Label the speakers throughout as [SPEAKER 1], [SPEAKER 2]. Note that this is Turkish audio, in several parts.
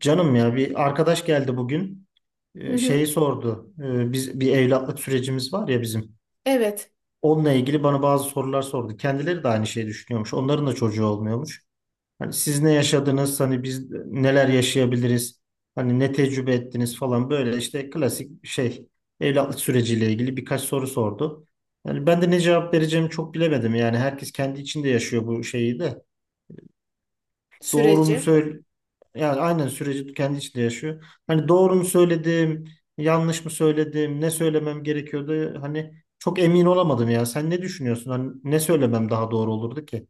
[SPEAKER 1] Canım ya bir arkadaş geldi bugün.
[SPEAKER 2] Hı
[SPEAKER 1] Şeyi
[SPEAKER 2] hı.
[SPEAKER 1] sordu. Biz bir evlatlık sürecimiz var ya bizim.
[SPEAKER 2] Evet,
[SPEAKER 1] Onunla ilgili bana bazı sorular sordu. Kendileri de aynı şeyi düşünüyormuş. Onların da çocuğu olmuyormuş. Hani siz ne yaşadınız? Hani biz neler yaşayabiliriz? Hani ne tecrübe ettiniz falan böyle işte klasik şey evlatlık süreciyle ilgili birkaç soru sordu. Yani ben de ne cevap vereceğimi çok bilemedim. Yani herkes kendi içinde yaşıyor bu şeyi de doğru mu
[SPEAKER 2] süreci.
[SPEAKER 1] söyle, yani aynen süreci kendi içinde yaşıyor. Hani doğru mu söyledim, yanlış mı söyledim, ne söylemem gerekiyordu? Hani çok emin olamadım ya. Sen ne düşünüyorsun? Hani ne söylemem daha doğru olurdu ki?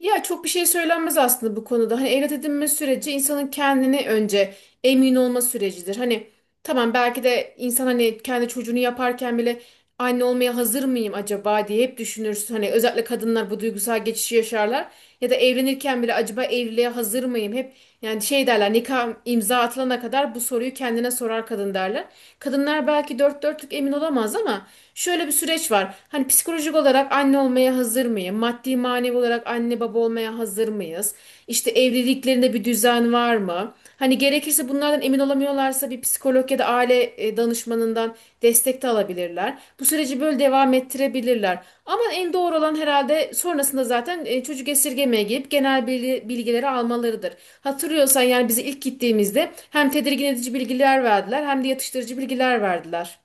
[SPEAKER 2] Ya çok bir şey söylenmez aslında bu konuda. Hani evlat edinme süreci insanın kendini önce emin olma sürecidir. Hani tamam belki de insan hani kendi çocuğunu yaparken bile anne olmaya hazır mıyım acaba diye hep düşünürsün. Hani özellikle kadınlar bu duygusal geçişi yaşarlar. Ya da evlenirken bile acaba evliliğe hazır mıyım? Hep yani şey derler nikah imza atılana kadar bu soruyu kendine sorar kadın derler. Kadınlar belki dört dörtlük emin olamaz ama şöyle bir süreç var. Hani psikolojik olarak anne olmaya hazır mıyım? Maddi manevi olarak anne baba olmaya hazır mıyız? İşte evliliklerinde bir düzen var mı? Hani gerekirse bunlardan emin olamıyorlarsa bir psikolog ya da aile danışmanından destek de alabilirler. Bu süreci böyle devam ettirebilirler. Ama en doğru olan herhalde sonrasında zaten çocuk esirgemeye girip genel bilgileri almalarıdır. Hatırlıyorsan yani bize ilk gittiğimizde hem tedirgin edici bilgiler verdiler hem de yatıştırıcı bilgiler verdiler.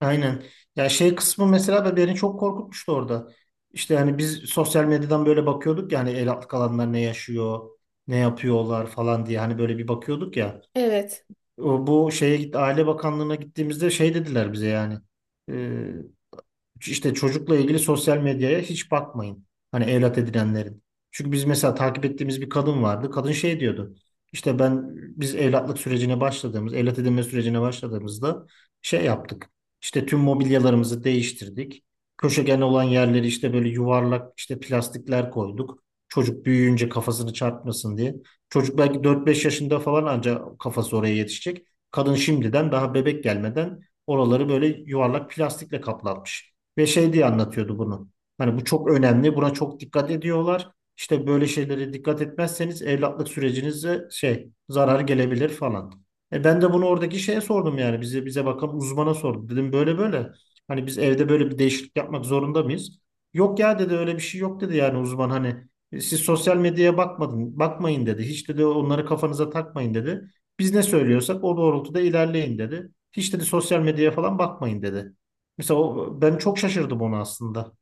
[SPEAKER 1] Aynen. Ya şey kısmı mesela da beni çok korkutmuştu orada. İşte hani biz sosyal medyadan böyle bakıyorduk, yani el altı kalanlar ne yaşıyor, ne yapıyorlar falan diye hani böyle bir bakıyorduk ya.
[SPEAKER 2] Evet.
[SPEAKER 1] Bu şeye gitti, Aile Bakanlığı'na gittiğimizde şey dediler bize yani. İşte çocukla ilgili sosyal medyaya hiç bakmayın. Hani evlat edinenlerin. Çünkü biz mesela takip ettiğimiz bir kadın vardı. Kadın şey diyordu. İşte biz evlatlık sürecine başladığımız, evlat edinme sürecine başladığımızda şey yaptık. İşte tüm mobilyalarımızı değiştirdik. Köşegen olan yerleri işte böyle yuvarlak işte plastikler koyduk. Çocuk büyüyünce kafasını çarpmasın diye. Çocuk belki dört beş yaşında falan ancak kafası oraya yetişecek. Kadın şimdiden daha bebek gelmeden oraları böyle yuvarlak plastikle kaplatmış. Ve şey diye anlatıyordu bunu. Hani bu çok önemli, buna çok dikkat ediyorlar. İşte böyle şeylere dikkat etmezseniz evlatlık sürecinize şey zarar gelebilir falan. E ben de bunu oradaki şeye sordum, yani bize bakan uzmana sordum. Dedim böyle böyle. Hani biz evde böyle bir değişiklik yapmak zorunda mıyız? Yok ya dedi, öyle bir şey yok dedi yani uzman. Hani "Siz sosyal medyaya bakmadın, bakmayın dedi. Hiç dedi onları kafanıza takmayın dedi. Biz ne söylüyorsak o doğrultuda ilerleyin dedi. Hiç dedi sosyal medyaya falan bakmayın dedi. Mesela ben çok şaşırdım ona aslında.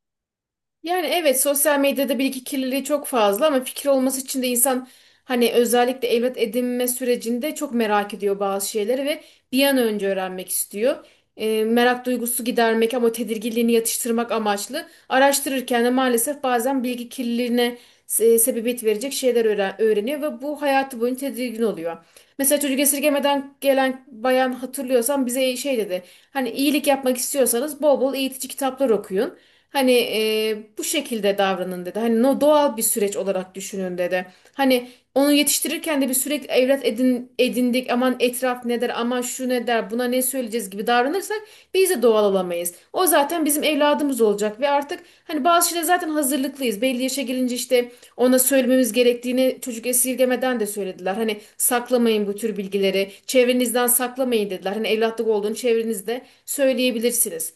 [SPEAKER 2] Yani evet sosyal medyada bilgi kirliliği çok fazla ama fikir olması için de insan hani özellikle evlat edinme sürecinde çok merak ediyor bazı şeyleri ve bir an önce öğrenmek istiyor. Merak duygusu gidermek ama tedirginliğini yatıştırmak amaçlı araştırırken de maalesef bazen bilgi kirliliğine sebebiyet verecek şeyler öğreniyor ve bu hayatı boyunca tedirgin oluyor. Mesela çocuk esirgemeden gelen bayan hatırlıyorsan bize şey dedi. Hani iyilik yapmak istiyorsanız bol bol eğitici kitaplar okuyun. Hani bu şekilde davranın dedi. Hani no doğal bir süreç olarak düşünün dedi. Hani onu yetiştirirken de bir sürekli evlat edindik. Aman etraf ne der, aman şu ne der, buna ne söyleyeceğiz gibi davranırsak biz de doğal olamayız. O zaten bizim evladımız olacak ve artık hani bazı şeyler zaten hazırlıklıyız. Belli yaşa gelince işte ona söylememiz gerektiğini çocuk esirgemeden de söylediler. Hani saklamayın bu tür bilgileri, çevrenizden saklamayın dediler. Hani evlatlık olduğunu çevrenizde söyleyebilirsiniz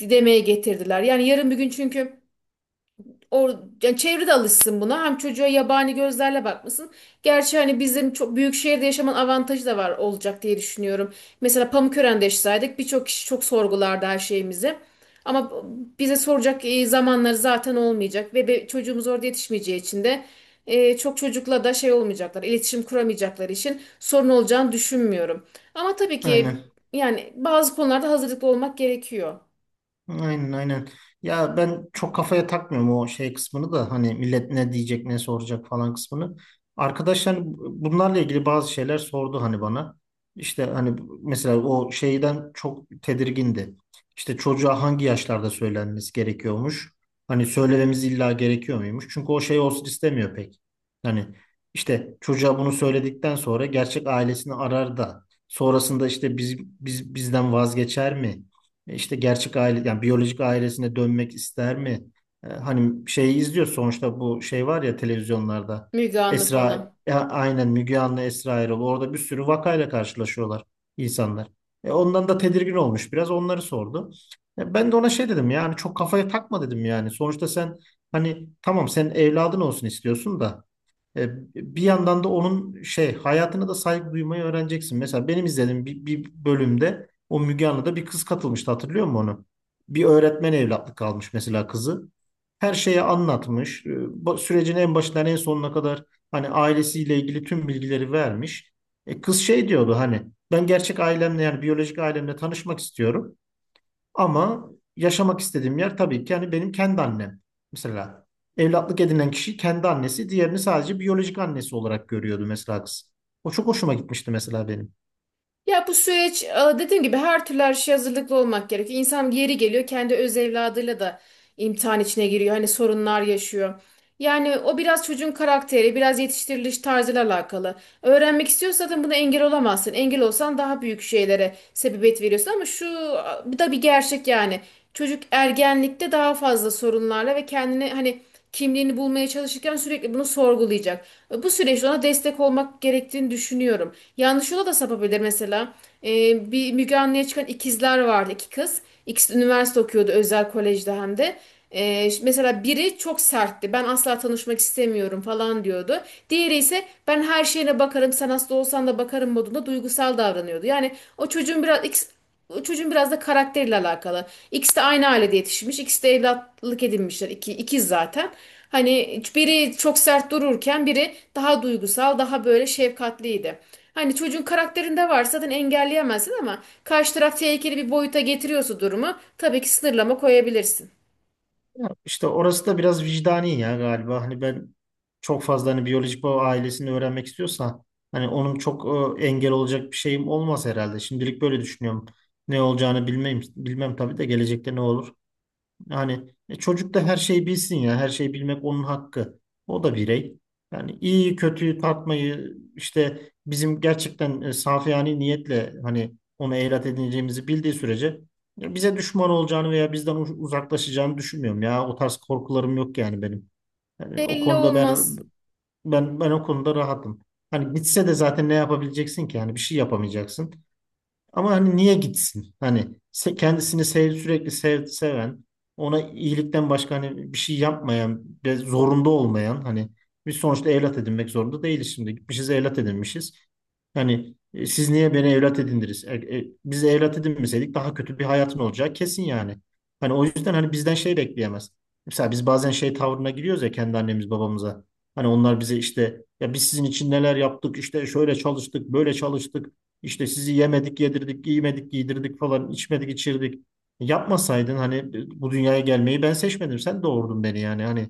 [SPEAKER 2] demeye getirdiler. Yani yarın bir gün çünkü Or yani çevre de alışsın buna. Hem çocuğa yabani gözlerle bakmasın. Gerçi hani bizim çok büyük şehirde yaşamanın avantajı da var olacak diye düşünüyorum. Mesela Pamukören'de yaşasaydık birçok kişi çok sorgulardı her şeyimizi. Ama bize soracak zamanları zaten olmayacak ve çocuğumuz orada yetişmeyeceği için de çok çocukla da şey olmayacaklar, iletişim kuramayacakları için sorun olacağını düşünmüyorum. Ama tabii ki
[SPEAKER 1] Aynen.
[SPEAKER 2] yani bazı konularda hazırlıklı olmak gerekiyor.
[SPEAKER 1] Aynen, aynen. Ya ben çok kafaya takmıyorum o şey kısmını da, hani millet ne diyecek ne soracak falan kısmını. Arkadaşlar bunlarla ilgili bazı şeyler sordu hani bana. İşte hani mesela o şeyden çok tedirgindi. İşte çocuğa hangi yaşlarda söylenmesi gerekiyormuş? Hani söylememiz illa gerekiyor muymuş? Çünkü o şey olsun istemiyor pek. Hani işte çocuğa bunu söyledikten sonra gerçek ailesini arar da sonrasında işte biz bizden vazgeçer mi? İşte gerçek aile, yani biyolojik ailesine dönmek ister mi? Hani şeyi izliyoruz sonuçta, bu şey var ya televizyonlarda.
[SPEAKER 2] Müge Anlı
[SPEAKER 1] Esra,
[SPEAKER 2] falan.
[SPEAKER 1] aynen, Müge Anlı, Esra Erol. Orada bir sürü vakayla karşılaşıyorlar insanlar. Ondan da tedirgin olmuş, biraz onları sordu. Ben de ona şey dedim, yani çok kafaya takma dedim yani. Sonuçta sen hani tamam sen evladın olsun istiyorsun da. E, Bir yandan da onun şey hayatına da saygı duymayı öğreneceksin. Mesela benim izlediğim bir bölümde o Müge Anlı'da bir kız katılmıştı, hatırlıyor musun onu? Bir öğretmen evlatlık almış mesela kızı. Her şeyi anlatmış. Bu sürecin en başından en sonuna kadar hani ailesiyle ilgili tüm bilgileri vermiş. Kız şey diyordu, hani ben gerçek ailemle, yani biyolojik ailemle tanışmak istiyorum. Ama yaşamak istediğim yer tabii ki yani benim kendi annem. Mesela evlatlık edinen kişi kendi annesi, diğerini sadece biyolojik annesi olarak görüyordu mesela kız. O çok hoşuma gitmişti mesela benim.
[SPEAKER 2] Ya bu süreç dediğim gibi her türlü her şeye hazırlıklı olmak gerekiyor. İnsan yeri geliyor kendi öz evladıyla da imtihan içine giriyor. Hani sorunlar yaşıyor. Yani o biraz çocuğun karakteri, biraz yetiştiriliş tarzıyla alakalı. Öğrenmek istiyorsan zaten buna engel olamazsın. Engel olsan daha büyük şeylere sebebiyet veriyorsun ama şu bu da bir gerçek yani. Çocuk ergenlikte daha fazla sorunlarla ve kendini hani kimliğini bulmaya çalışırken sürekli bunu sorgulayacak. Bu süreçte ona destek olmak gerektiğini düşünüyorum. Yanlış yola da sapabilir mesela. Bir Müge Anlı'ya çıkan ikizler vardı, iki kız. İkisi de üniversite okuyordu, özel kolejde hem de. Mesela biri çok sertti. Ben asla tanışmak istemiyorum falan diyordu. Diğeri ise ben her şeyine bakarım, sen hasta olsan da bakarım modunda duygusal davranıyordu. Yani o çocuğun biraz o çocuğun biraz da karakteriyle alakalı. İkisi de aynı ailede yetişmiş. İkisi de evlatlık edinmişler. İkiz zaten. Hani biri çok sert dururken biri daha duygusal, daha böyle şefkatliydi. Hani çocuğun karakterinde varsa zaten engelleyemezsin ama karşı taraf tehlikeli bir boyuta getiriyorsa durumu tabii ki sınırlama koyabilirsin.
[SPEAKER 1] Ya işte orası da biraz vicdani ya galiba. Hani ben çok fazla hani biyolojik baba ailesini öğrenmek istiyorsa hani onun çok engel olacak bir şeyim olmaz herhalde. Şimdilik böyle düşünüyorum. Ne olacağını bilmem, bilmem tabii de gelecekte ne olur. Yani çocuk da her şeyi bilsin ya. Her şeyi bilmek onun hakkı. O da birey. Yani iyiyi kötüyü tartmayı işte bizim gerçekten safiyane niyetle hani onu evlat edineceğimizi bildiği sürece ya bize düşman olacağını veya bizden uzaklaşacağını düşünmüyorum ya. O tarz korkularım yok yani benim. Yani o
[SPEAKER 2] Belli
[SPEAKER 1] konuda ben
[SPEAKER 2] olmaz.
[SPEAKER 1] ben o konuda rahatım. Hani gitse de zaten ne yapabileceksin ki? Yani bir şey yapamayacaksın. Ama hani niye gitsin? Hani kendisini sev, sürekli sev, seven, ona iyilikten başka hani bir şey yapmayan, ve zorunda olmayan, hani biz sonuçta evlat edinmek zorunda değiliz şimdi. Gitmişiz, evlat edinmişiz. Hani siz niye beni evlat edindiniz? Biz evlat edinmeseydik daha kötü bir hayatın olacağı kesin yani. Hani o yüzden hani bizden şey bekleyemez. Mesela biz bazen şey tavrına giriyoruz ya kendi annemiz babamıza. Hani onlar bize işte ya biz sizin için neler yaptık, işte şöyle çalıştık, böyle çalıştık, işte sizi yemedik, yedirdik, giymedik, giydirdik falan, içmedik, içirdik. Yapmasaydın hani, bu dünyaya gelmeyi ben seçmedim. Sen doğurdun beni yani hani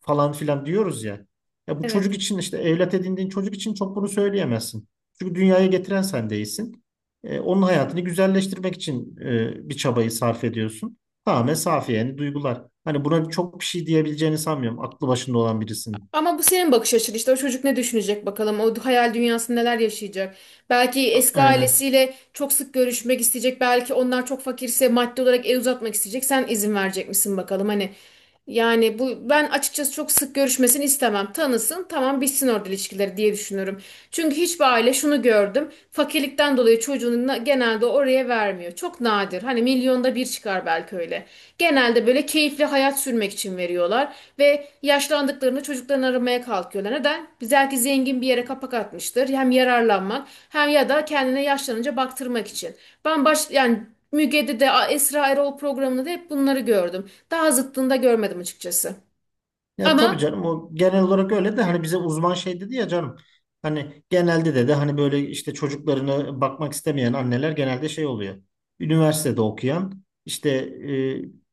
[SPEAKER 1] falan filan diyoruz ya. Ya bu çocuk
[SPEAKER 2] Evet.
[SPEAKER 1] için, işte evlat edindiğin çocuk için çok bunu söyleyemezsin. Çünkü dünyaya getiren sen değilsin. Onun hayatını güzelleştirmek için bir çabayı sarf ediyorsun. Tamamen safi yani duygular. Hani buna çok bir şey diyebileceğini sanmıyorum. Aklı başında olan birisin.
[SPEAKER 2] Ama bu senin bakış açın işte o çocuk ne düşünecek bakalım o hayal dünyasında neler yaşayacak. Belki eski
[SPEAKER 1] Aynen.
[SPEAKER 2] ailesiyle çok sık görüşmek isteyecek belki onlar çok fakirse maddi olarak el uzatmak isteyecek sen izin verecek misin bakalım hani. Yani bu ben açıkçası çok sık görüşmesini istemem. Tanısın tamam bitsin orada ilişkileri diye düşünüyorum. Çünkü hiçbir aile şunu gördüm fakirlikten dolayı çocuğunu genelde oraya vermiyor. Çok nadir. Hani milyonda bir çıkar belki öyle. Genelde böyle keyifli hayat sürmek için veriyorlar ve yaşlandıklarını çocuklarını aramaya kalkıyorlar. Neden? Biz belki zengin bir yere kapak atmıştır. Hem yararlanmak hem ya da kendine yaşlanınca baktırmak için. Ben baş yani Müge'de de Esra Erol programında da hep bunları gördüm. Daha zıttında görmedim açıkçası.
[SPEAKER 1] Ya tabii
[SPEAKER 2] Ama
[SPEAKER 1] canım, o genel olarak öyle de hani bize uzman şey dedi ya canım. Hani genelde de hani böyle işte çocuklarını bakmak istemeyen anneler genelde şey oluyor. Üniversitede okuyan işte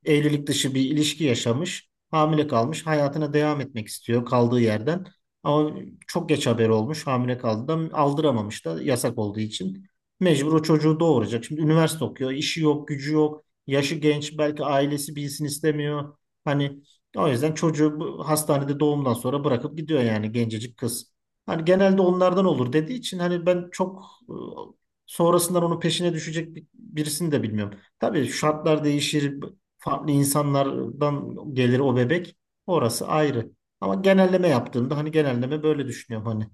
[SPEAKER 1] evlilik dışı bir ilişki yaşamış, hamile kalmış, hayatına devam etmek istiyor kaldığı yerden. Ama çok geç haber olmuş, hamile kaldı da aldıramamış da yasak olduğu için mecbur o çocuğu doğuracak. Şimdi üniversite okuyor, işi yok, gücü yok, yaşı genç, belki ailesi bilsin istemiyor. Hani o yüzden çocuğu hastanede doğumdan sonra bırakıp gidiyor yani gencecik kız. Hani genelde onlardan olur dediği için hani ben çok e, sonrasından onun peşine düşecek birisini de bilmiyorum. Tabii şartlar değişir, farklı insanlardan gelir o bebek. Orası ayrı. Ama genelleme yaptığımda hani genelleme böyle düşünüyorum hani.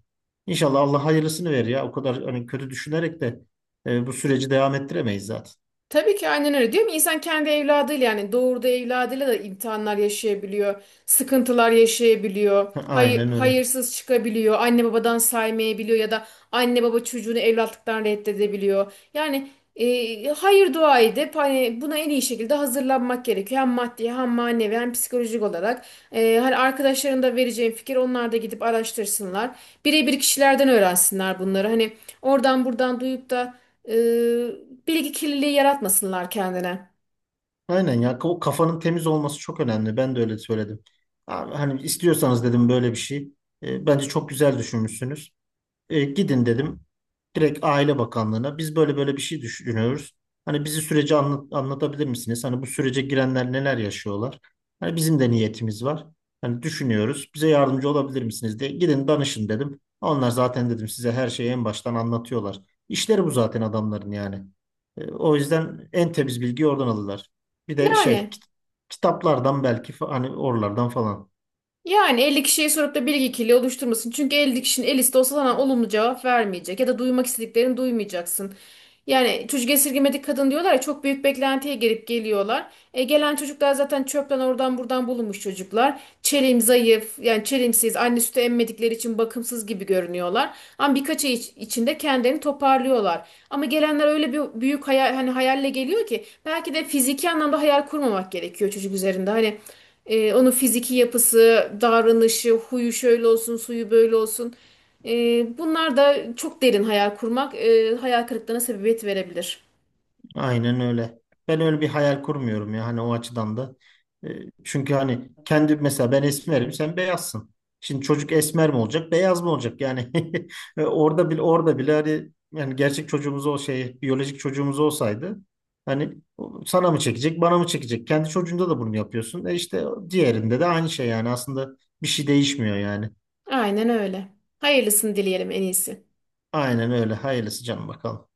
[SPEAKER 1] İnşallah Allah hayırlısını verir ya. O kadar hani kötü düşünerek de bu süreci devam ettiremeyiz zaten.
[SPEAKER 2] tabii ki aynen öyle. Diyorum ya, insan kendi evladıyla yani doğurduğu evladıyla da imtihanlar yaşayabiliyor, sıkıntılar yaşayabiliyor, hayır,
[SPEAKER 1] Aynen öyle.
[SPEAKER 2] hayırsız çıkabiliyor, anne babadan saymayabiliyor ya da anne baba çocuğunu evlatlıktan reddedebiliyor. Yani hayır dua edip hani buna en iyi şekilde hazırlanmak gerekiyor. Hem maddi hem manevi hem psikolojik olarak. Hani arkadaşların da vereceğim fikir onlar da gidip araştırsınlar. Birebir kişilerden öğrensinler bunları. Hani oradan buradan duyup da e, bilgi kirliliği yaratmasınlar kendine.
[SPEAKER 1] Aynen ya, o kafanın temiz olması çok önemli. Ben de öyle söyledim. Abi, hani istiyorsanız dedim böyle bir şey. Bence çok güzel düşünmüşsünüz. Gidin dedim. Direkt Aile Bakanlığı'na, biz böyle böyle bir şey düşünüyoruz. Hani bizi süreci anlatabilir misiniz? Hani bu sürece girenler neler yaşıyorlar? Hani bizim de niyetimiz var. Hani düşünüyoruz. Bize yardımcı olabilir misiniz diye gidin danışın dedim. Onlar zaten dedim size her şeyi en baştan anlatıyorlar. İşleri bu zaten adamların yani. O yüzden en temiz bilgiyi oradan alırlar. Bir de şey
[SPEAKER 2] Yani.
[SPEAKER 1] kitaplardan belki hani oralardan falan.
[SPEAKER 2] Yani 50 kişiye sorup da bilgi kirliliği oluşturmasın. Çünkü 50 kişinin el liste olsa sana olumlu cevap vermeyecek. Ya da duymak istediklerini duymayacaksın. Yani çocuk esirgemedik kadın diyorlar ya çok büyük beklentiye girip geliyorlar. Gelen çocuklar zaten çöpten oradan buradan bulunmuş çocuklar. Çelim zayıf yani çelimsiz anne sütü emmedikleri için bakımsız gibi görünüyorlar. Ama birkaç ay içinde kendilerini toparlıyorlar. Ama gelenler öyle bir büyük hayal, hani hayalle geliyor ki belki de fiziki anlamda hayal kurmamak gerekiyor çocuk üzerinde. Hani onun fiziki yapısı, davranışı, huyu şöyle olsun, suyu böyle olsun. Bunlar da çok derin hayal kurmak, hayal kırıklığına sebebiyet verebilir.
[SPEAKER 1] Aynen öyle. Ben öyle bir hayal kurmuyorum ya hani o açıdan da. E, Çünkü hani kendi, mesela ben esmerim sen beyazsın. Şimdi çocuk esmer mi olacak beyaz mı olacak yani orada bile orada bile, hani yani gerçek çocuğumuz o şey biyolojik çocuğumuz olsaydı hani o sana mı çekecek bana mı çekecek, kendi çocuğunda da bunu yapıyorsun, e işte diğerinde de aynı şey yani aslında bir şey değişmiyor yani,
[SPEAKER 2] Aynen öyle. Hayırlısını dileyelim en iyisi.
[SPEAKER 1] aynen öyle, hayırlısı canım bakalım.